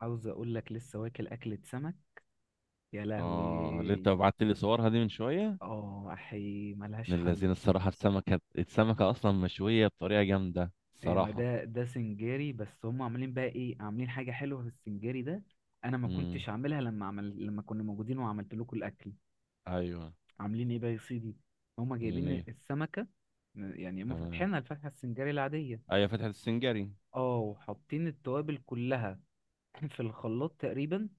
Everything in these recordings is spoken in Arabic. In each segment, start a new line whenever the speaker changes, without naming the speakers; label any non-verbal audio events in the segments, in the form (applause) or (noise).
عاوز اقول لك لسه واكل اكلة سمك. يا
اه، اللي انت
لهوي.
بعت لي صورها دي من شويه.
اه احي ملهاش
من الذين
حل.
الصراحه، السمكه اصلا مشويه بطريقه جامده
إيه، ما
الصراحه.
ده سنجاري. بس هم عاملين بقى ايه؟ عاملين حاجة حلوة في السنجاري ده. انا ما
امم.
كنتش عاملها لما كنا موجودين وعملت لكم الاكل.
ايوه.
عاملين ايه بقى يا سيدي؟ هم
منين
جايبين
ايه؟
السمكة. يعني هم
تمام.
فاتحينها الفتحة السنجاري العادية.
ايوه، فتحة السنجري.
اه وحاطين التوابل كلها (laughs) في الخلاط تقريبا.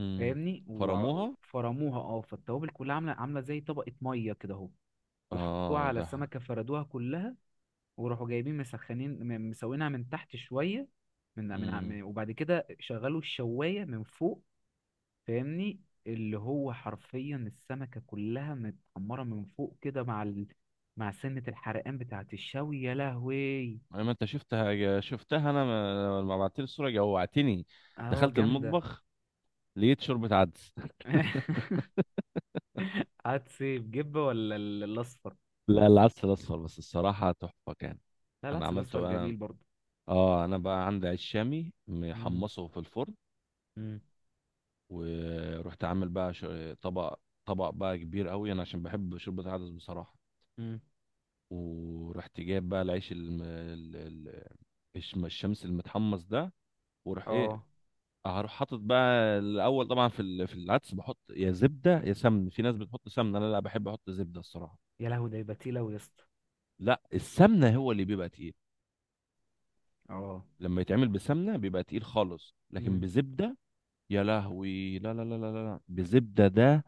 امم.
فاهمني،
فرموها.
وفرموها. اه فالتوابل كلها عاملة عاملة زي طبقة مية كده اهو. وحطوها
اه.
على السمكة فردوها كلها. وراحوا جايبين مسخنين مسوينها من تحت شوية.
امم.
وبعد كده شغلوا الشواية من فوق. فاهمني. اللي هو حرفيا السمكة كلها متحمرة من فوق كده مع مع سنة الحرقان بتاعة الشوي. يا لهوي.
ما انت شفتها انا، لما بعت لي الصوره جوعتني.
اه
دخلت
جامدة.
المطبخ، لقيت شوربه عدس. (laughs)
(laughs) عدس إيه، بجبة ولا الأصفر؟
لا، العدس الاصفر بس الصراحه تحفه كان.
لا
انا
العدس الأصفر
عملته انا.
جميل برضه.
اه، انا بقى عندي عيش شامي
مم.
محمصه في الفرن.
مم.
ورحت عامل بقى طبق طبق بقى كبير قوي انا عشان بحب شوربه العدس بصراحه.
مم.
ورحت جايب بقى العيش الم... ال- ال- الشم- الشمس المتحمص ده. وروح ايه،
اه.
هروح حاطط بقى الاول طبعا في العدس، بحط يا زبده يا سمن. في ناس بتحط سمنه، انا لا، بحب احط زبده الصراحه.
يا لهوي، ده يبقى تقيل أوي يا اسطى.
لا، السمنه هو اللي بيبقى تقيل.
اه.
لما يتعمل بسمنه بيبقى تقيل خالص، لكن
مم.
بزبده. يا لهوي، لا لا لا لا لا لا. بزبده ده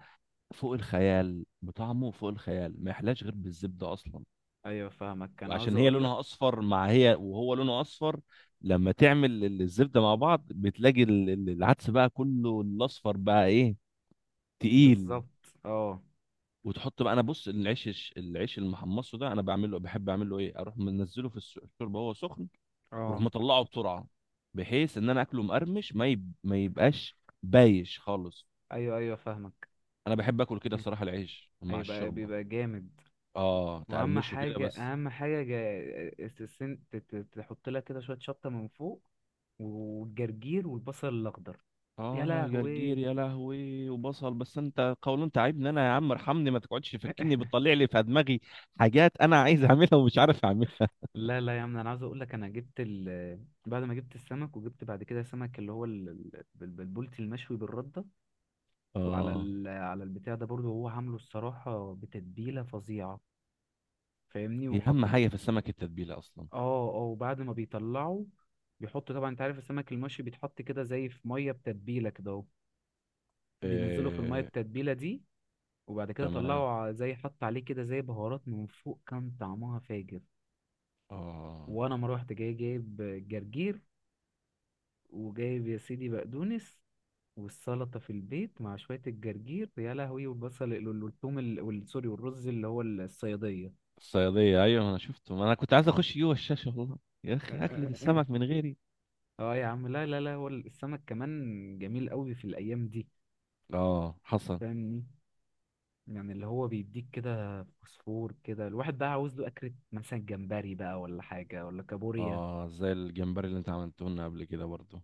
فوق الخيال، بطعمه فوق الخيال، ما يحلاش غير بالزبده اصلا.
ايوه فاهمك، كان عاوز
وعشان هي
اقولك.
لونها اصفر، مع هي وهو لونه اصفر، لما تعمل الزبده مع بعض، بتلاقي العدس بقى كله الاصفر بقى ايه، تقيل.
بالظبط اه.
وتحط بقى، انا بص، العيش المحمصه ده، انا بعمله، بحب اعمله ايه، اروح منزله في الشوربه وهو سخن، واروح
اه.
مطلعه بسرعه، بحيث ان انا اكله مقرمش، ما يبقاش بايش خالص.
ايوه ايوه فاهمك.
انا بحب اكل كده
مم.
صراحه العيش مع
هيبقى
الشوربه.
بيبقى جامد.
اه،
واهم
تقرمشه كده
حاجه
بس.
تحط لك كده شويه شطه من فوق. والجرجير والبصل الاخضر. يا
اه، جرجير،
لهوي.
يا لهوي، وبصل، بس انت قولون تعبني انا يا عم، ارحمني، ما تقعدش تفكني، بتطلع لي في دماغي حاجات انا عايز اعملها ومش عارف اعملها.
لا لا يا عم، انا عاوز اقول لك انا جبت بعد ما جبت السمك، وجبت بعد كده سمك اللي هو بالبولتي المشوي بالرده. وعلى
اه،
على البتاع ده برضو هو عامله الصراحه بتتبيله فظيعه. فاهمني،
هي
وحط.
اهم حاجه في السمك التتبيله اصلا.
اه اه. وبعد ما بيطلعوا بيحطوا، طبعا انت عارف السمك المشوي بيتحط كده زي في ميه بتتبيله كده اهو. بينزلوا في الميه
إيه.
التتبيله دي. وبعد كده
تمام.
طلعوا زي حط عليه كده زي بهارات من فوق، كان طعمها فاجر.
اه،
وانا ما روحت جاي جايب جرجير، وجايب يا سيدي بقدونس، والسلطه في البيت مع شويه الجرجير. يا لهوي. والبصل والثوم سوري، والرز اللي هو الصياديه.
الصياديه، ايوه، انا شفته، ما انا كنت عايز اخش جوه الشاشه والله. يا اخي اكله
(laughs)
السمك من غيري.
اه يا عم، لا لا لا، هو السمك كمان جميل قوي في الايام دي.
اه حصل.
فاهمني. يعني اللي هو بيديك كده فوسفور كده. الواحد بقى عاوز له أكلة مثلا جمبري بقى ولا حاجة ولا كابوريا.
اه زي الجمبري اللي انت عملته لنا قبل كده برضه.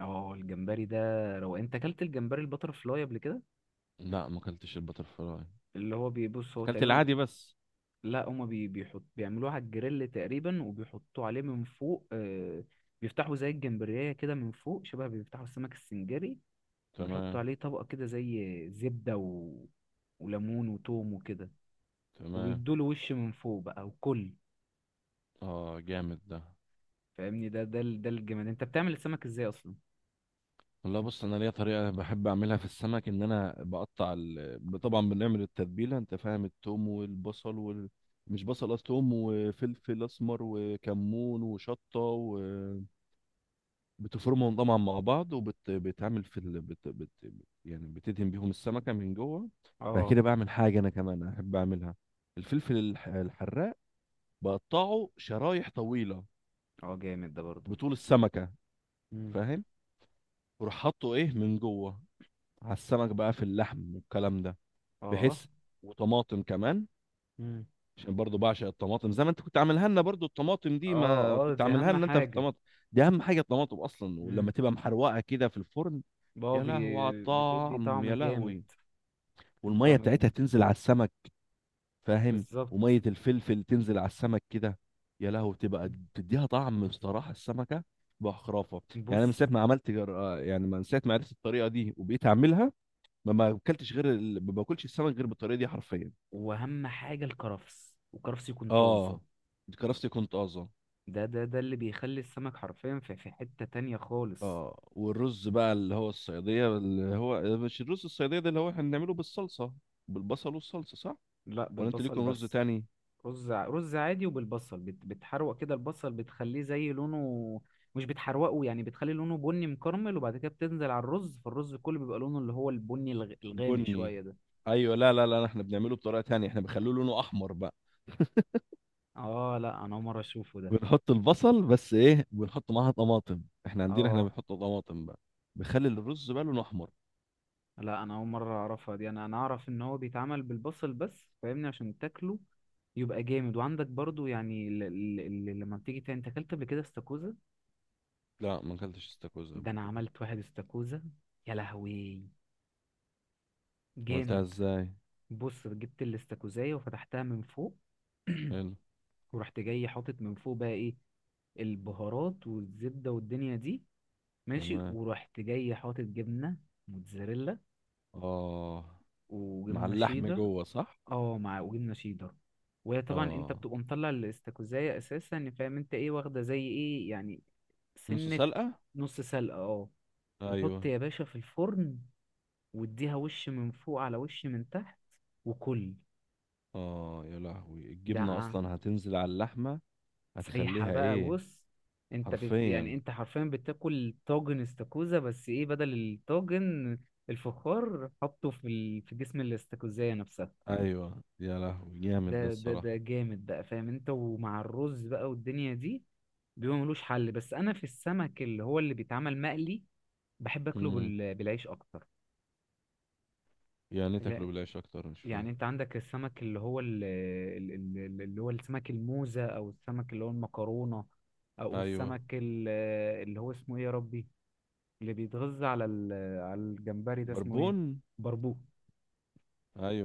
اه الجمبري ده. لو انت اكلت الجمبري البتر فلاي قبل كده،
لا ما اكلتش البتر فلاي.
اللي هو بيبص هو
اكلت
تقريبا.
العادي بس.
لا هما بي- بيحط بيعملوه على الجريل تقريبا، وبيحطوه عليه من فوق. بيفتحوا زي الجمبرية كده من فوق، شبه بيفتحوا السمك السنجري. وبيحطوا
تمام.
عليه طبقة كده زي زبدة وليمون وتوم وكده.
تمام.
وبيدوله وش من فوق بقى وكل.
اه جامد ده.
فاهمني. ده الجمال. انت بتعمل السمك ازاي اصلا؟
والله بص، انا ليا طريقه بحب اعملها في السمك، ان انا بقطع طبعا بنعمل التتبيله، انت فاهم، التوم والبصل مش بصل اصلا، توم وفلفل اسمر وكمون وشطه، وبتفرمهم طبعا مع بعض، وبتعمل في ال... بت... بت... يعني بتدهن بيهم السمكه من جوه. بعد
اه.
كده بعمل حاجه انا كمان احب اعملها، الفلفل الحراق، بقطعه شرايح طويله
اه جامد ده برضه.
بطول السمكه،
امم.
فاهم، وراح حاطه ايه من جوه، على السمك بقى، في اللحم والكلام ده،
اه.
بحيث، وطماطم كمان،
امم.
عشان برضو بعشق الطماطم، زي ما انت كنت عاملها لنا برضو الطماطم دي،
اه.
ما
اه
كنت
دي
عاملها
اهم
لنا انت في
حاجة.
الطماطم. دي اهم حاجه، الطماطم اصلا، ولما
امم.
تبقى محروقه كده في الفرن، يا
بابي.
لهوي على
بتدي
الطعم،
طعم
يا
جامد.
لهوي.
بتدي
والميه
طعم
بتاعتها
جامد.
تنزل على السمك، فاهم، وميه
بالظبط.
الفلفل تنزل على السمك كده، يا لهوي، بتبقى
مم.
بتديها طعم بصراحه، السمكه بقى خرافه. يعني
بص.
انا من ساعه ما عملت جر... آه، يعني من ساعه ما عرفت الطريقه دي وبقيت اعملها، ما اكلتش غير ما باكلش السمك غير بالطريقه دي حرفيا.
واهم حاجة الكرفس، والكرفس يكون طازة.
اه. كرفتي كنت طازه.
ده ده ده اللي بيخلي السمك حرفيا في في حتة تانية خالص.
اه، والرز بقى اللي هو الصياديه، اللي هو مش الرز الصياديه ده اللي هو احنا بنعمله بالصلصه، بالبصل والصلصه، صح؟
لا
ولا انت
بالبصل
ليكم رز
بس.
تاني؟
رز عادي وبالبصل، بت... بتحروق كده البصل بتخليه زي لونه، مش بتحروقه يعني، بتخلي لونه بني مكرمل. وبعد كده بتنزل على الرز، فالرز كله بيبقى لونه اللي هو البني الغامق
البني.
شوية ده.
ايوه، لا لا لا، احنا بنعمله بطريقه تانية، احنا بنخليه لونه احمر بقى،
اه لا انا اول مرة اشوفه ده.
بنحط البصل بس ايه، بنحط معاها طماطم، احنا عندنا احنا
اه
بنحط طماطم بقى، بخلي الرز بقى لونه احمر.
لا انا اول مرة اعرفها دي. انا اعرف ان هو بيتعمل بالبصل بس. فاهمني، عشان تاكله يبقى جامد. وعندك برضو، يعني لما بتيجي تاني، انت اكلت قبل كده استاكوزا؟
لا ما اكلتش استاكوزا
ده
قبل
انا
كده.
عملت واحد استاكوزا. يا لهوي.
عملتها
جامد.
ازاي؟
بص، جبت الاستاكوزايه وفتحتها من فوق.
حلو.
ورحت جاي حاطط من فوق بقى ايه، البهارات والزبده والدنيا دي. ماشي.
تمام.
ورحت جاي حاطط جبنه موتزاريلا،
اه، مع
وجبنه
اللحم
شيدر.
جوه، صح.
اه، مع وجبنه شيدر. وهي طبعا انت
اه.
بتبقى مطلع الاستاكوزايه اساسا، فاهم انت ايه واخده زي ايه يعني.
نص
سنه.
سلقة.
نص سلقه اه.
ايوه.
وحط يا باشا في الفرن، واديها وش من فوق على وش من تحت، وكل.
اه يا لهوي، الجبنة
ده
اصلا هتنزل على اللحمة،
سايحة
هتخليها
بقى.
ايه.
بص، انت بت
حرفيا.
يعني انت حرفيا بتاكل طاجن استاكوزا، بس ايه؟ بدل الطاجن الفخار، حطه في في جسم الاستاكوزاية نفسها.
ايوه يا لهوي جامد ده
ده
الصراحة.
جامد بقى، فاهم انت؟ ومع الرز بقى والدنيا دي بيبقى ملوش حل. بس انا في السمك اللي هو اللي بيتعمل مقلي، بحب اكله
امم.
بالعيش اكتر.
يعني إيه تاكله
لا،
بالعيش اكتر؟ مش فاهم.
يعني انت عندك السمك اللي هو اللي هو السمك الموزة، او السمك اللي هو المكرونة، او
ايوه.
السمك اللي هو اسمه ايه يا ربي، اللي بيتغذى على على الجمبري ده، اسمه ايه؟
بربون.
بربوق.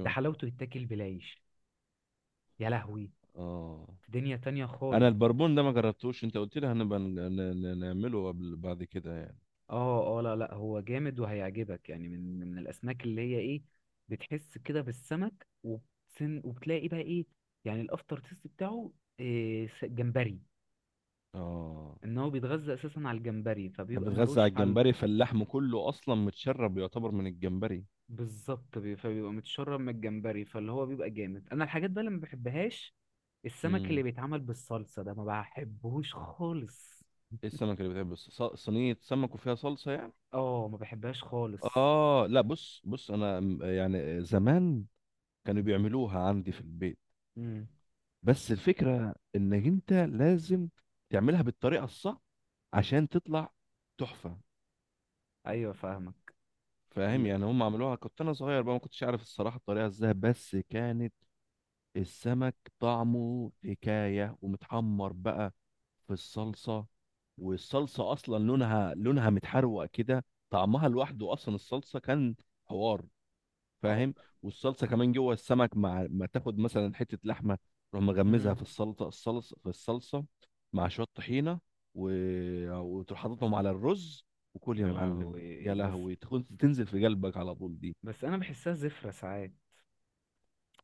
ده حلاوته يتاكل بالعيش. يا لهوي.
اه.
في دنيا تانية
انا
خالص.
البربون ده ما جربتوش، انت قلت لي هنبقى نعمله قبل، بعد كده يعني.
اه اه، لا لا، هو جامد وهيعجبك. يعني من الاسماك اللي هي ايه، بتحس كده بالسمك وبتسن، وبتلاقي بقى ايه يعني، الافتر تيست بتاعه إيه؟ جمبري.
اه.
ان هو بيتغذى اساسا على الجمبري،
أنا
فبيبقى
بتغذى
ملوش
على
حل.
الجمبري، فاللحم كله اصلا متشرب يعتبر من الجمبري.
بالظبط. فبيبقى متشرب من الجمبري، فاللي هو بيبقى جامد. انا الحاجات بقى اللي ما بحبهاش، السمك اللي
امم.
بيتعمل بالصلصة ده ما بحبهوش خالص.
ايه السمك اللي بتحب، صينية سمك وفيها صلصة يعني؟
اه ما بحبهاش خالص.
اه، لا، بص بص، انا يعني زمان، كانوا بيعملوها عندي في البيت،
امم.
بس الفكرة انك انت لازم تعملها بالطريقة الصح عشان تطلع تحفة.
ايوه فاهمك.
فاهم،
ال...
يعني هم عملوها كنت انا صغير بقى، ما كنتش عارف الصراحة الطريقة ازاي، بس كانت السمك طعمه حكاية، ومتحمر بقى في الصلصة، والصلصة اصلا لونها متحروق كده، طعمها لوحده اصلا الصلصة كان حوار،
اه.
فاهم. والصلصه كمان جوه السمك، مع ما تاخد مثلا حته لحمه، تروح مغمزها
امم.
في السلطه، الصلصه، في الصلصه، مع شويه طحينه و... وتروح حاططهم على الرز وكل يا
يا
معلم.
لهوي.
يا
بس
لهوي، تكون تنزل في قلبك على طول دي.
بس انا بحسها زفرة ساعات.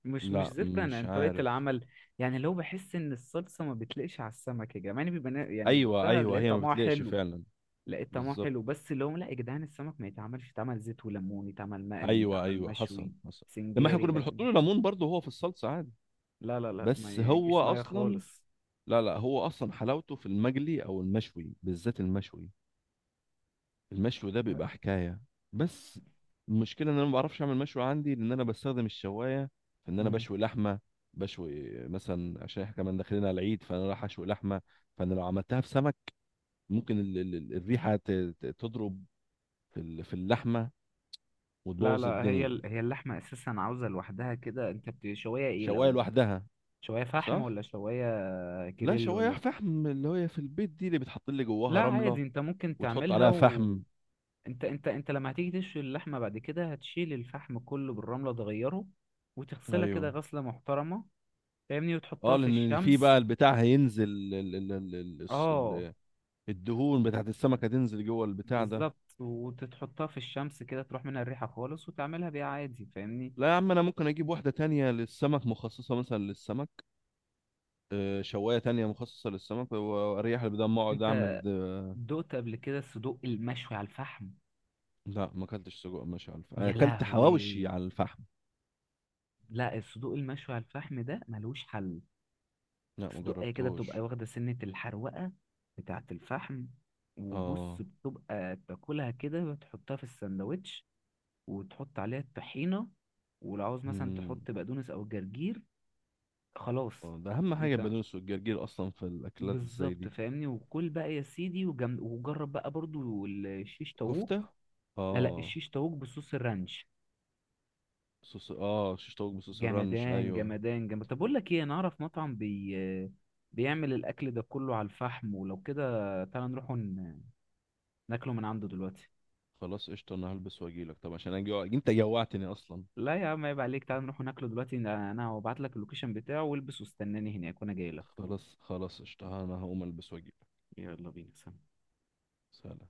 مش
لا،
زفرة، انا
مش
يعني طريقة
عارف.
العمل. يعني لو بحس ان الصلصة ما بتليقش على السمك، يا جماعة يعني بيبقى نا-، يعني
ايوه،
بدوقتها
ايوه،
لقيت
هي ما
طعمها
بتليقش
حلو.
فعلا.
لقيت طعمها
بالظبط.
حلو، بس اللي هم لا يا جدعان، السمك ما يتعملش، يتعمل زيت وليمون، يتعمل مقلي،
ايوه،
يتعمل
ايوه،
مشوي
حصل، حصل. لما احنا
سنجاري.
كنا بنحط
لكن
له ليمون برضه هو في الصلصه عادي.
لا لا لا، ما
بس هو
يجيش معايا
اصلا،
خالص.
لا لا، هو اصلا حلاوته في المجلي او المشوي، بالذات المشوي. المشوي ده بيبقى حكاية. بس المشكلة ان انا ما بعرفش اعمل مشوي عندي، لان انا بستخدم الشواية في ان انا
امم.
بشوي لحمة، بشوي مثلا عشان احنا كمان داخلين على العيد، فانا رايح اشوي لحمة، فانا لو عملتها في سمك ممكن الريحة تضرب في اللحمة،
لا
وتبوظ
لا، هي
الدنيا.
ال- هي اللحمة أساسا عاوزة لوحدها كده. أنت بتشويها إيه
شواية
الأول؟
لوحدها،
شوية فحم
صح؟
ولا شوية
لا،
جريل
شواية
ولا إيه؟
فحم، اللي هي في البيت دي اللي بتحط لي
لا
جواها رملة،
عادي، أنت ممكن
وتحط
تعملها
عليها
و...
فحم.
أنت لما هتيجي تشوي اللحمة بعد كده، هتشيل الفحم كله بالرملة، تغيره، وتغسلها
ايوه.
كده غسلة محترمة. فاهمني. وتحطها
اه،
في
لان في
الشمس.
بقى البتاع هينزل،
اه.
الدهون بتاعت السمك هتنزل جوه البتاع ده.
بالظبط، وتتحطها في الشمس كده، تروح منها الريحة خالص، وتعملها بيها عادي. فاهمني.
لا يا عم، انا ممكن اجيب واحده تانية للسمك، مخصصه مثلا للسمك، شوايه تانية مخصصه للسمك واريح، اللي بدل ما اقعد اعمل
أنت
ده.
دقت قبل كده الصدوق المشوي على الفحم؟
لا ما اكلتش سجق ماشي على الفحم،
يا
اكلت حواوشي
لهوي.
على الفحم.
لا، الصدوق المشوي على الفحم ده ملوش حل.
لا ما
صدوقية كده بتبقى
جربتهوش.
واخدة سنة الحروقة بتاعة الفحم. وبص،
اه.
بتبقى تاكلها كده، بتحطها في السندوتش، وتحط عليها الطحينة، ولو عاوز مثلا
مم.
تحط بقدونس أو جرجير، خلاص.
ده اهم حاجه
انت
البقدونس والجرجير اصلا في الاكلات زي
بالظبط،
دي.
فاهمني. وكل بقى يا سيدي. وجم... وجرب بقى برضو الشيش
كفته.
طاووق. لا لا،
اه.
الشيش طاووق بصوص الرانش،
صوص، اه، شيش طاووق بصوص الرنش،
جمدان
ايوه.
جمدان جمدان. طب اقول لك ايه، انا اعرف مطعم بي بيعمل الاكل ده كله على الفحم، ولو كده تعالى نروح ناكله من عنده دلوقتي.
خلاص قشطه، انا هلبس واجيلك، طب عشان اجي انت جوعتني اصلا.
لا يا عم، عيب عليك، تعالى نروح ناكله دلوقتي. انا هبعت لك اللوكيشن بتاعه والبس واستناني هناك، وانا جاي لك.
خلاص، خلاص، قشطة، أنا هقوم ألبس وأجيلك.
يلا بينا، سلام.
سلام.